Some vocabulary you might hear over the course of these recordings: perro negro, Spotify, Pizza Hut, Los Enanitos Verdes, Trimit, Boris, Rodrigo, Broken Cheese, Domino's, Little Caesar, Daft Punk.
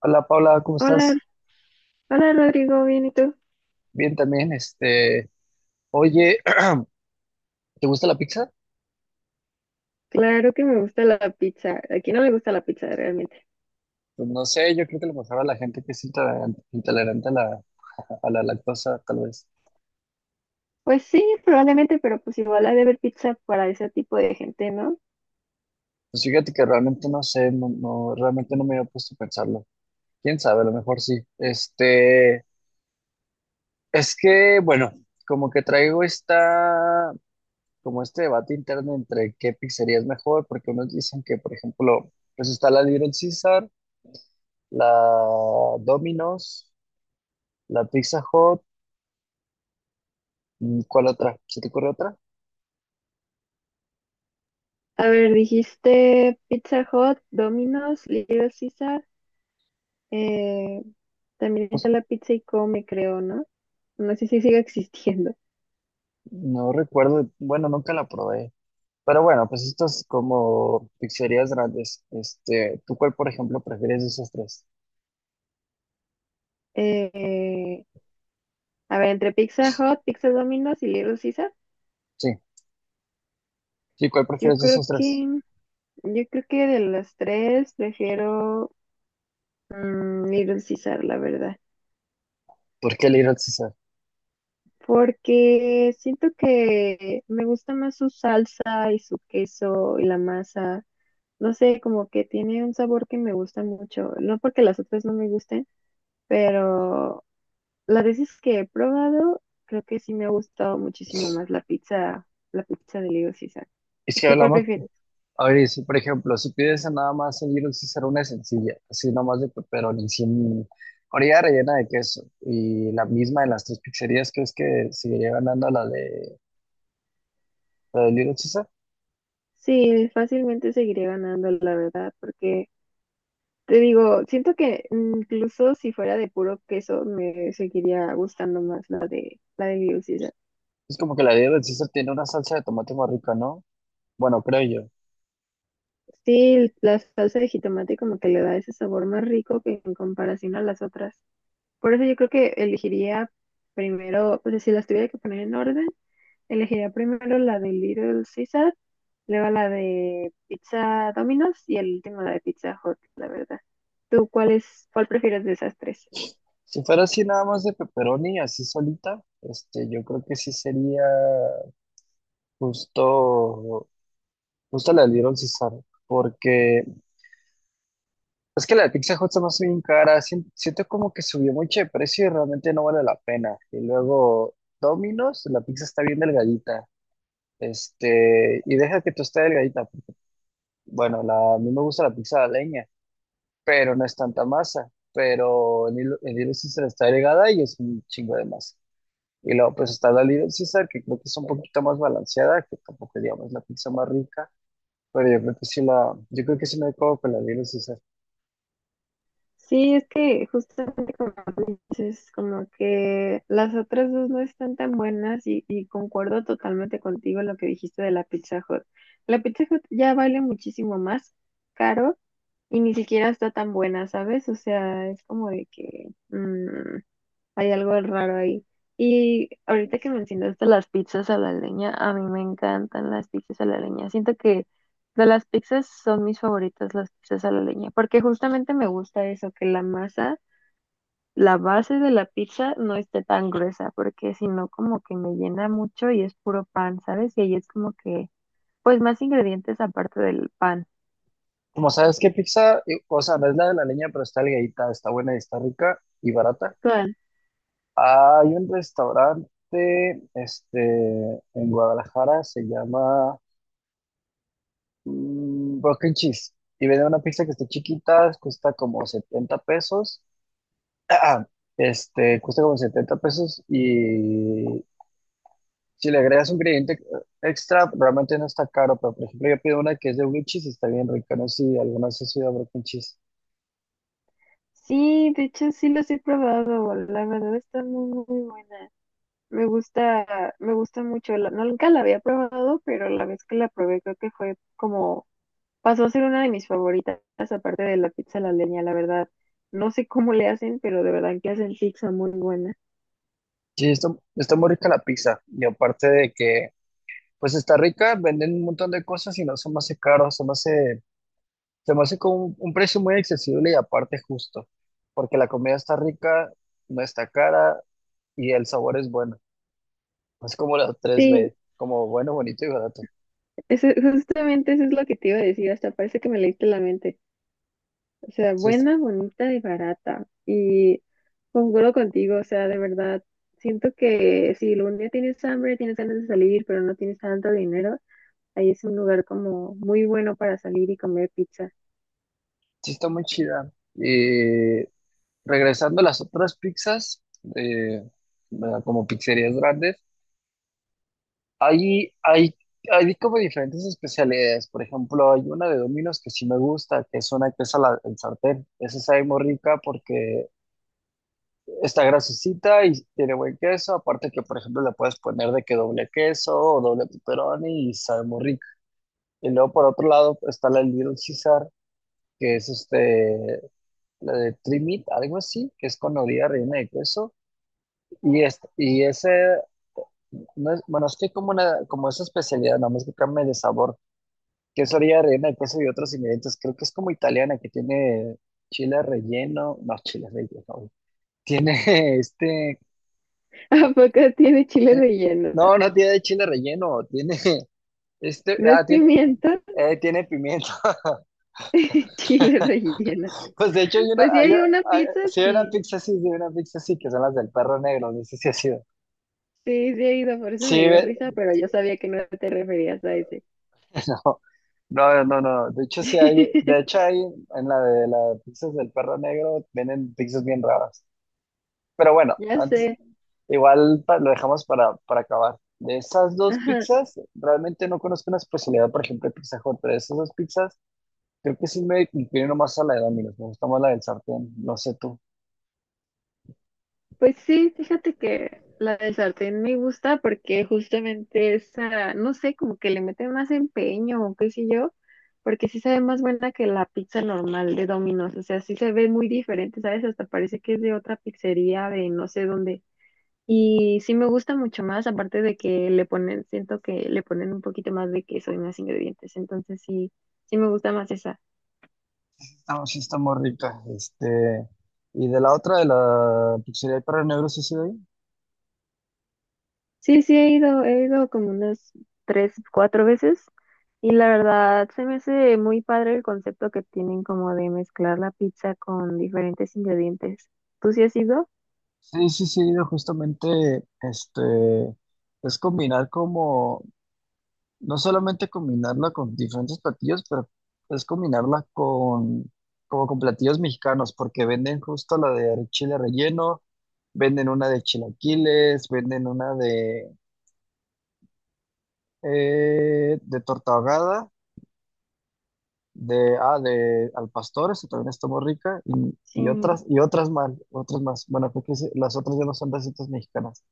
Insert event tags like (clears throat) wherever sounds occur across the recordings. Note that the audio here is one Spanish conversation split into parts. Hola Paula, ¿cómo Hola, estás? hola Rodrigo, ¿bien y tú? Bien también, este, oye, (clears throat) ¿te gusta la pizza? Claro que me gusta la pizza. Aquí no me gusta la pizza realmente. Pues no sé, yo creo que a lo mejor a la gente que es intolerante, intolerante a la lactosa, tal vez. Pues sí, probablemente, pero pues igual hay de haber pizza para ese tipo de gente, ¿no? Pues fíjate que realmente no sé, no, no, realmente no me había puesto a pensarlo. Quién sabe, a lo mejor sí. Este, es que, bueno, como que traigo esta, como este debate interno entre qué pizzería es mejor, porque unos dicen que, por ejemplo, pues está la Little Caesar, la Domino's, la Pizza Hut. ¿Cuál otra? ¿Se te ocurre otra? A ver, dijiste Pizza Hut, Domino's, Little Caesar. eh, También está la pizza y come, creo, ¿no? No sé si sigue (laughs) existiendo. No recuerdo, bueno, nunca la probé. Pero bueno, pues estas como pizzerías grandes. Este, ¿tú cuál, por ejemplo, prefieres de esos tres? Eh, a ver, entre Pizza Hut, Pizza Domino's y Little Caesar, Sí, sí, ¿cuál yo prefieres de creo esos tres? que, yo creo que de las tres prefiero Mm, Little Caesar, la verdad. ¿Por qué el Little Caesar? Porque siento que me gusta más su salsa y su queso y la masa. No sé, como que tiene un sabor que me gusta mucho. No porque las otras no me gusten, pero las veces que he probado, creo que sí me ha gustado muchísimo más la pizza de Little Caesar. Y si ¿Tú cuál hablamos, prefieres? a ver, si, por ejemplo, si pides nada más el Little Caesar, una sencilla, así nomás de pepperoni, sin orilla rellena de queso, y la misma de las tres pizzerías, ¿crees que seguiría ganando la de Little Caesar? Sí, fácilmente seguiré ganando, la verdad, porque te digo, siento que incluso si fuera de puro queso, me seguiría gustando más la de Little Caesar. Es como que la de Little Caesar tiene una salsa de tomate más rica, ¿no? Bueno, creo yo. Sí, la salsa de jitomate como que le da ese sabor más rico que en comparación a las otras. Por eso yo creo que elegiría primero, o sea, si las tuviera que poner en orden, elegiría primero la de Little Caesar, luego la de Pizza Domino's y el último la de Pizza Hut, la verdad. ¿Tú cuál es, cuál prefieres de esas tres? Si fuera así nada más de pepperoni, así solita, este, yo creo que sí sería justo, justo la del Little Caesar, porque es que la de Pizza Hut se me hace bien cara, siento como que subió mucho de precio y realmente no vale la pena. Y luego Domino's, la pizza está bien delgadita, este, y deja que tú esté delgadita, porque, bueno, la, a mí me gusta la pizza de leña, pero no es tanta masa, pero en Little Caesar está delgada y es un chingo de masa. Y luego pues está la Little Caesar, que creo que es un poquito más balanceada, que tampoco digamos la pizza más rica, pero yo creo que sí me quedo con la Little Caesar. Sí, es que justamente como dices, como que las otras dos no están tan buenas y concuerdo totalmente contigo en lo que dijiste de la Pizza Hut. La Pizza Hut ya vale muchísimo más caro y ni siquiera está tan buena, ¿sabes? O sea, es como de que... hay algo raro ahí. Y ahorita que mencionaste las pizzas a la leña, a mí me encantan las pizzas a la leña. Siento que de las pizzas son mis favoritas las pizzas a la leña, porque justamente me gusta eso, que la masa, la base de la pizza no esté tan gruesa, porque si no como que me llena mucho y es puro pan, ¿sabes? Y ahí es como que, pues más ingredientes aparte del pan. Como sabes qué pizza, o sea, no es la de la leña, pero está delgadita, está buena y está rica y barata. ¿Cuál? Hay un restaurante, este, en Guadalajara, se llama Broken Cheese, y venden una pizza que está chiquita, cuesta como 70 pesos. (clears throat) Este, cuesta como 70 pesos y, si le agregas un ingrediente extra, realmente no está caro, pero por ejemplo yo pido una que es de blue cheese y está bien rica. No sé si alguna vez has ido a Broken Cheese. Sí, de hecho sí los he probado, la verdad están muy, muy buenas. Me gusta mucho. No, nunca la había probado, pero la vez que la probé creo que fue como, pasó a ser una de mis favoritas, aparte de la pizza a la leña, la verdad. No sé cómo le hacen, pero de verdad que hacen pizza muy buena. Sí, está muy rica la pizza y aparte de que pues está rica, venden un montón de cosas y no se me hace caro, se me hace con un precio muy accesible y aparte justo, porque la comida está rica, no está cara y el sabor es bueno. Es como la tres Sí, b, como bueno, bonito y barato. Justamente eso es lo que te iba a decir, hasta parece que me leíste la mente. O sea, Sí, está, buena, bonita y barata. Y concuerdo contigo, o sea, de verdad, siento que si un día tienes hambre, tienes ganas de salir, pero no tienes tanto dinero. Ahí es un lugar como muy bueno para salir y comer pizza. sí está muy chida. Regresando a las otras pizzas, eh, ¿verdad? Como pizzerías grandes, hay, hay, hay como diferentes especialidades. Por ejemplo, hay una de Domino's que sí me gusta, que es una que es en sartén. Esa sabe muy rica porque está grasosita y tiene buen queso. Aparte que, por ejemplo, le puedes poner de que doble queso o doble pepperoni y sabe muy rica. Y luego, por otro lado, está la Little Caesar, que es este, la de Trimit, algo así, que es con orilla rellena de queso. Y ese, no es- bueno, es que hay como una, como esa especialidad, nada más que cambia de sabor, queso, orilla rellena de queso y otros ingredientes. Creo que es como italiana, que tiene chile relleno, no, chile relleno, güey, tiene (laughs) este, (laughs) ¿A poco tiene chile eh, relleno? no, no tiene chile relleno, tiene este, No es tiene, pimienta, tiene pimiento. (laughs) chile (laughs) relleno. Pues de hecho hay una, Pues sí hay una pizza, sí hay una sí. pizza así, sí hay una pizza así, que son las del perro negro, no sé si ha sido. Sí, sí he ido, por eso Sí, me dio risa, pero yo sabía que no te referías a ese. (laughs) no, no, no, no. De hecho, de (laughs) hecho hay en la de las pizzas del perro negro, vienen pizzas bien raras. Pero bueno, Ya sé. igual lo dejamos para, acabar. De esas dos Ajá. pizzas, realmente no conozco una especialidad, por ejemplo, de Pizza Hut, pero de esas dos pizzas, creo que sí me inclino más a la de Domino's, me gusta más la del sartén, no sé tú. Pues sí, fíjate que la de sartén me gusta porque justamente esa, no sé, como que le mete más empeño o qué sé yo, porque sí se ve más buena que la pizza normal de Domino's, o sea, sí se ve muy diferente, ¿sabes? Hasta parece que es de otra pizzería de no sé dónde. Y sí me gusta mucho más, aparte de que le ponen, siento que le ponen un poquito más de queso y más ingredientes, entonces sí, sí me gusta más esa. Estamos, sí está muy rica, este, y de la otra, de la pizzería del perro negro, sí, sí, Sí, sí, he ido como unas tres, cuatro veces y la verdad se me hace muy padre el concepto que tienen como de mezclar la pizza con diferentes ingredientes. ¿Tú sí has ido? sí, sí, sí, no, justamente este es combinar como, no solamente combinarla con diferentes platillos, pero es combinarla con como con platillos mexicanos, porque venden justo la de chile relleno, venden una de chilaquiles, venden una de torta ahogada, de al pastor, eso también está muy rica, y, Sí, y otras, y otras más. Bueno, porque las otras ya no son recetas mexicanas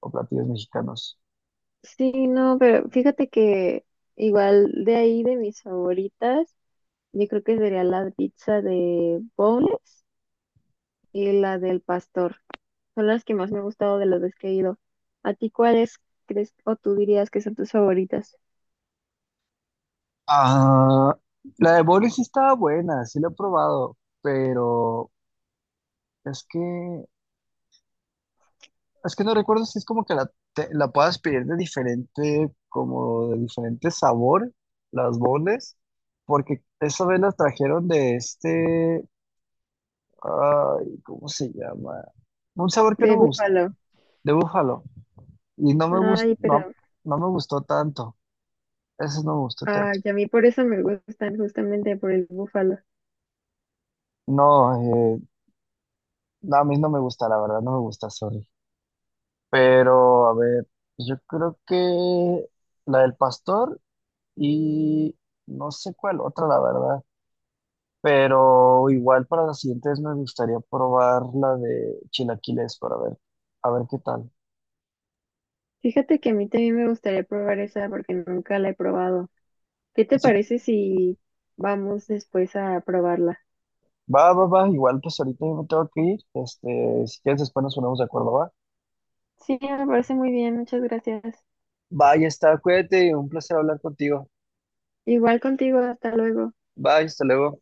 o platillos mexicanos. sí, no, pero fíjate que igual de ahí de mis favoritas, yo creo que sería la pizza de boneless y la del pastor. Son las que más me han gustado de las veces que he ido. ¿A ti cuáles crees o tú dirías que son tus favoritas? Ah, la de Boris sí estaba buena, sí la he probado, pero es que es que no recuerdo si es como que la puedas pedir de diferente, como de diferente sabor, las boles, porque esa vez las trajeron de este, ay, ¿cómo se llama? Un sabor que De no me gusta, búfalo. de búfalo, y no me gustó, Ay, pero no, no me gustó tanto, eso no me gustó ah, tanto. y a mí por eso me gustan, justamente por el búfalo. No, eh, no, a mí no me gusta, la verdad, no me gusta, sorry. Pero, a ver, yo creo que la del pastor y no sé cuál otra, la verdad. Pero igual para las siguientes me gustaría probar la de chilaquiles para ver, a ver qué tal. Fíjate que a mí también me gustaría probar esa porque nunca la he probado. ¿Qué te Así que, parece si vamos después a probarla? va, va, va, igual pues ahorita yo me tengo que ir. Este, si quieres después nos ponemos de acuerdo, va. Sí, me parece muy bien, muchas gracias. Va, ya está, cuídate, un placer hablar contigo. Igual contigo, hasta luego. Bye, hasta luego.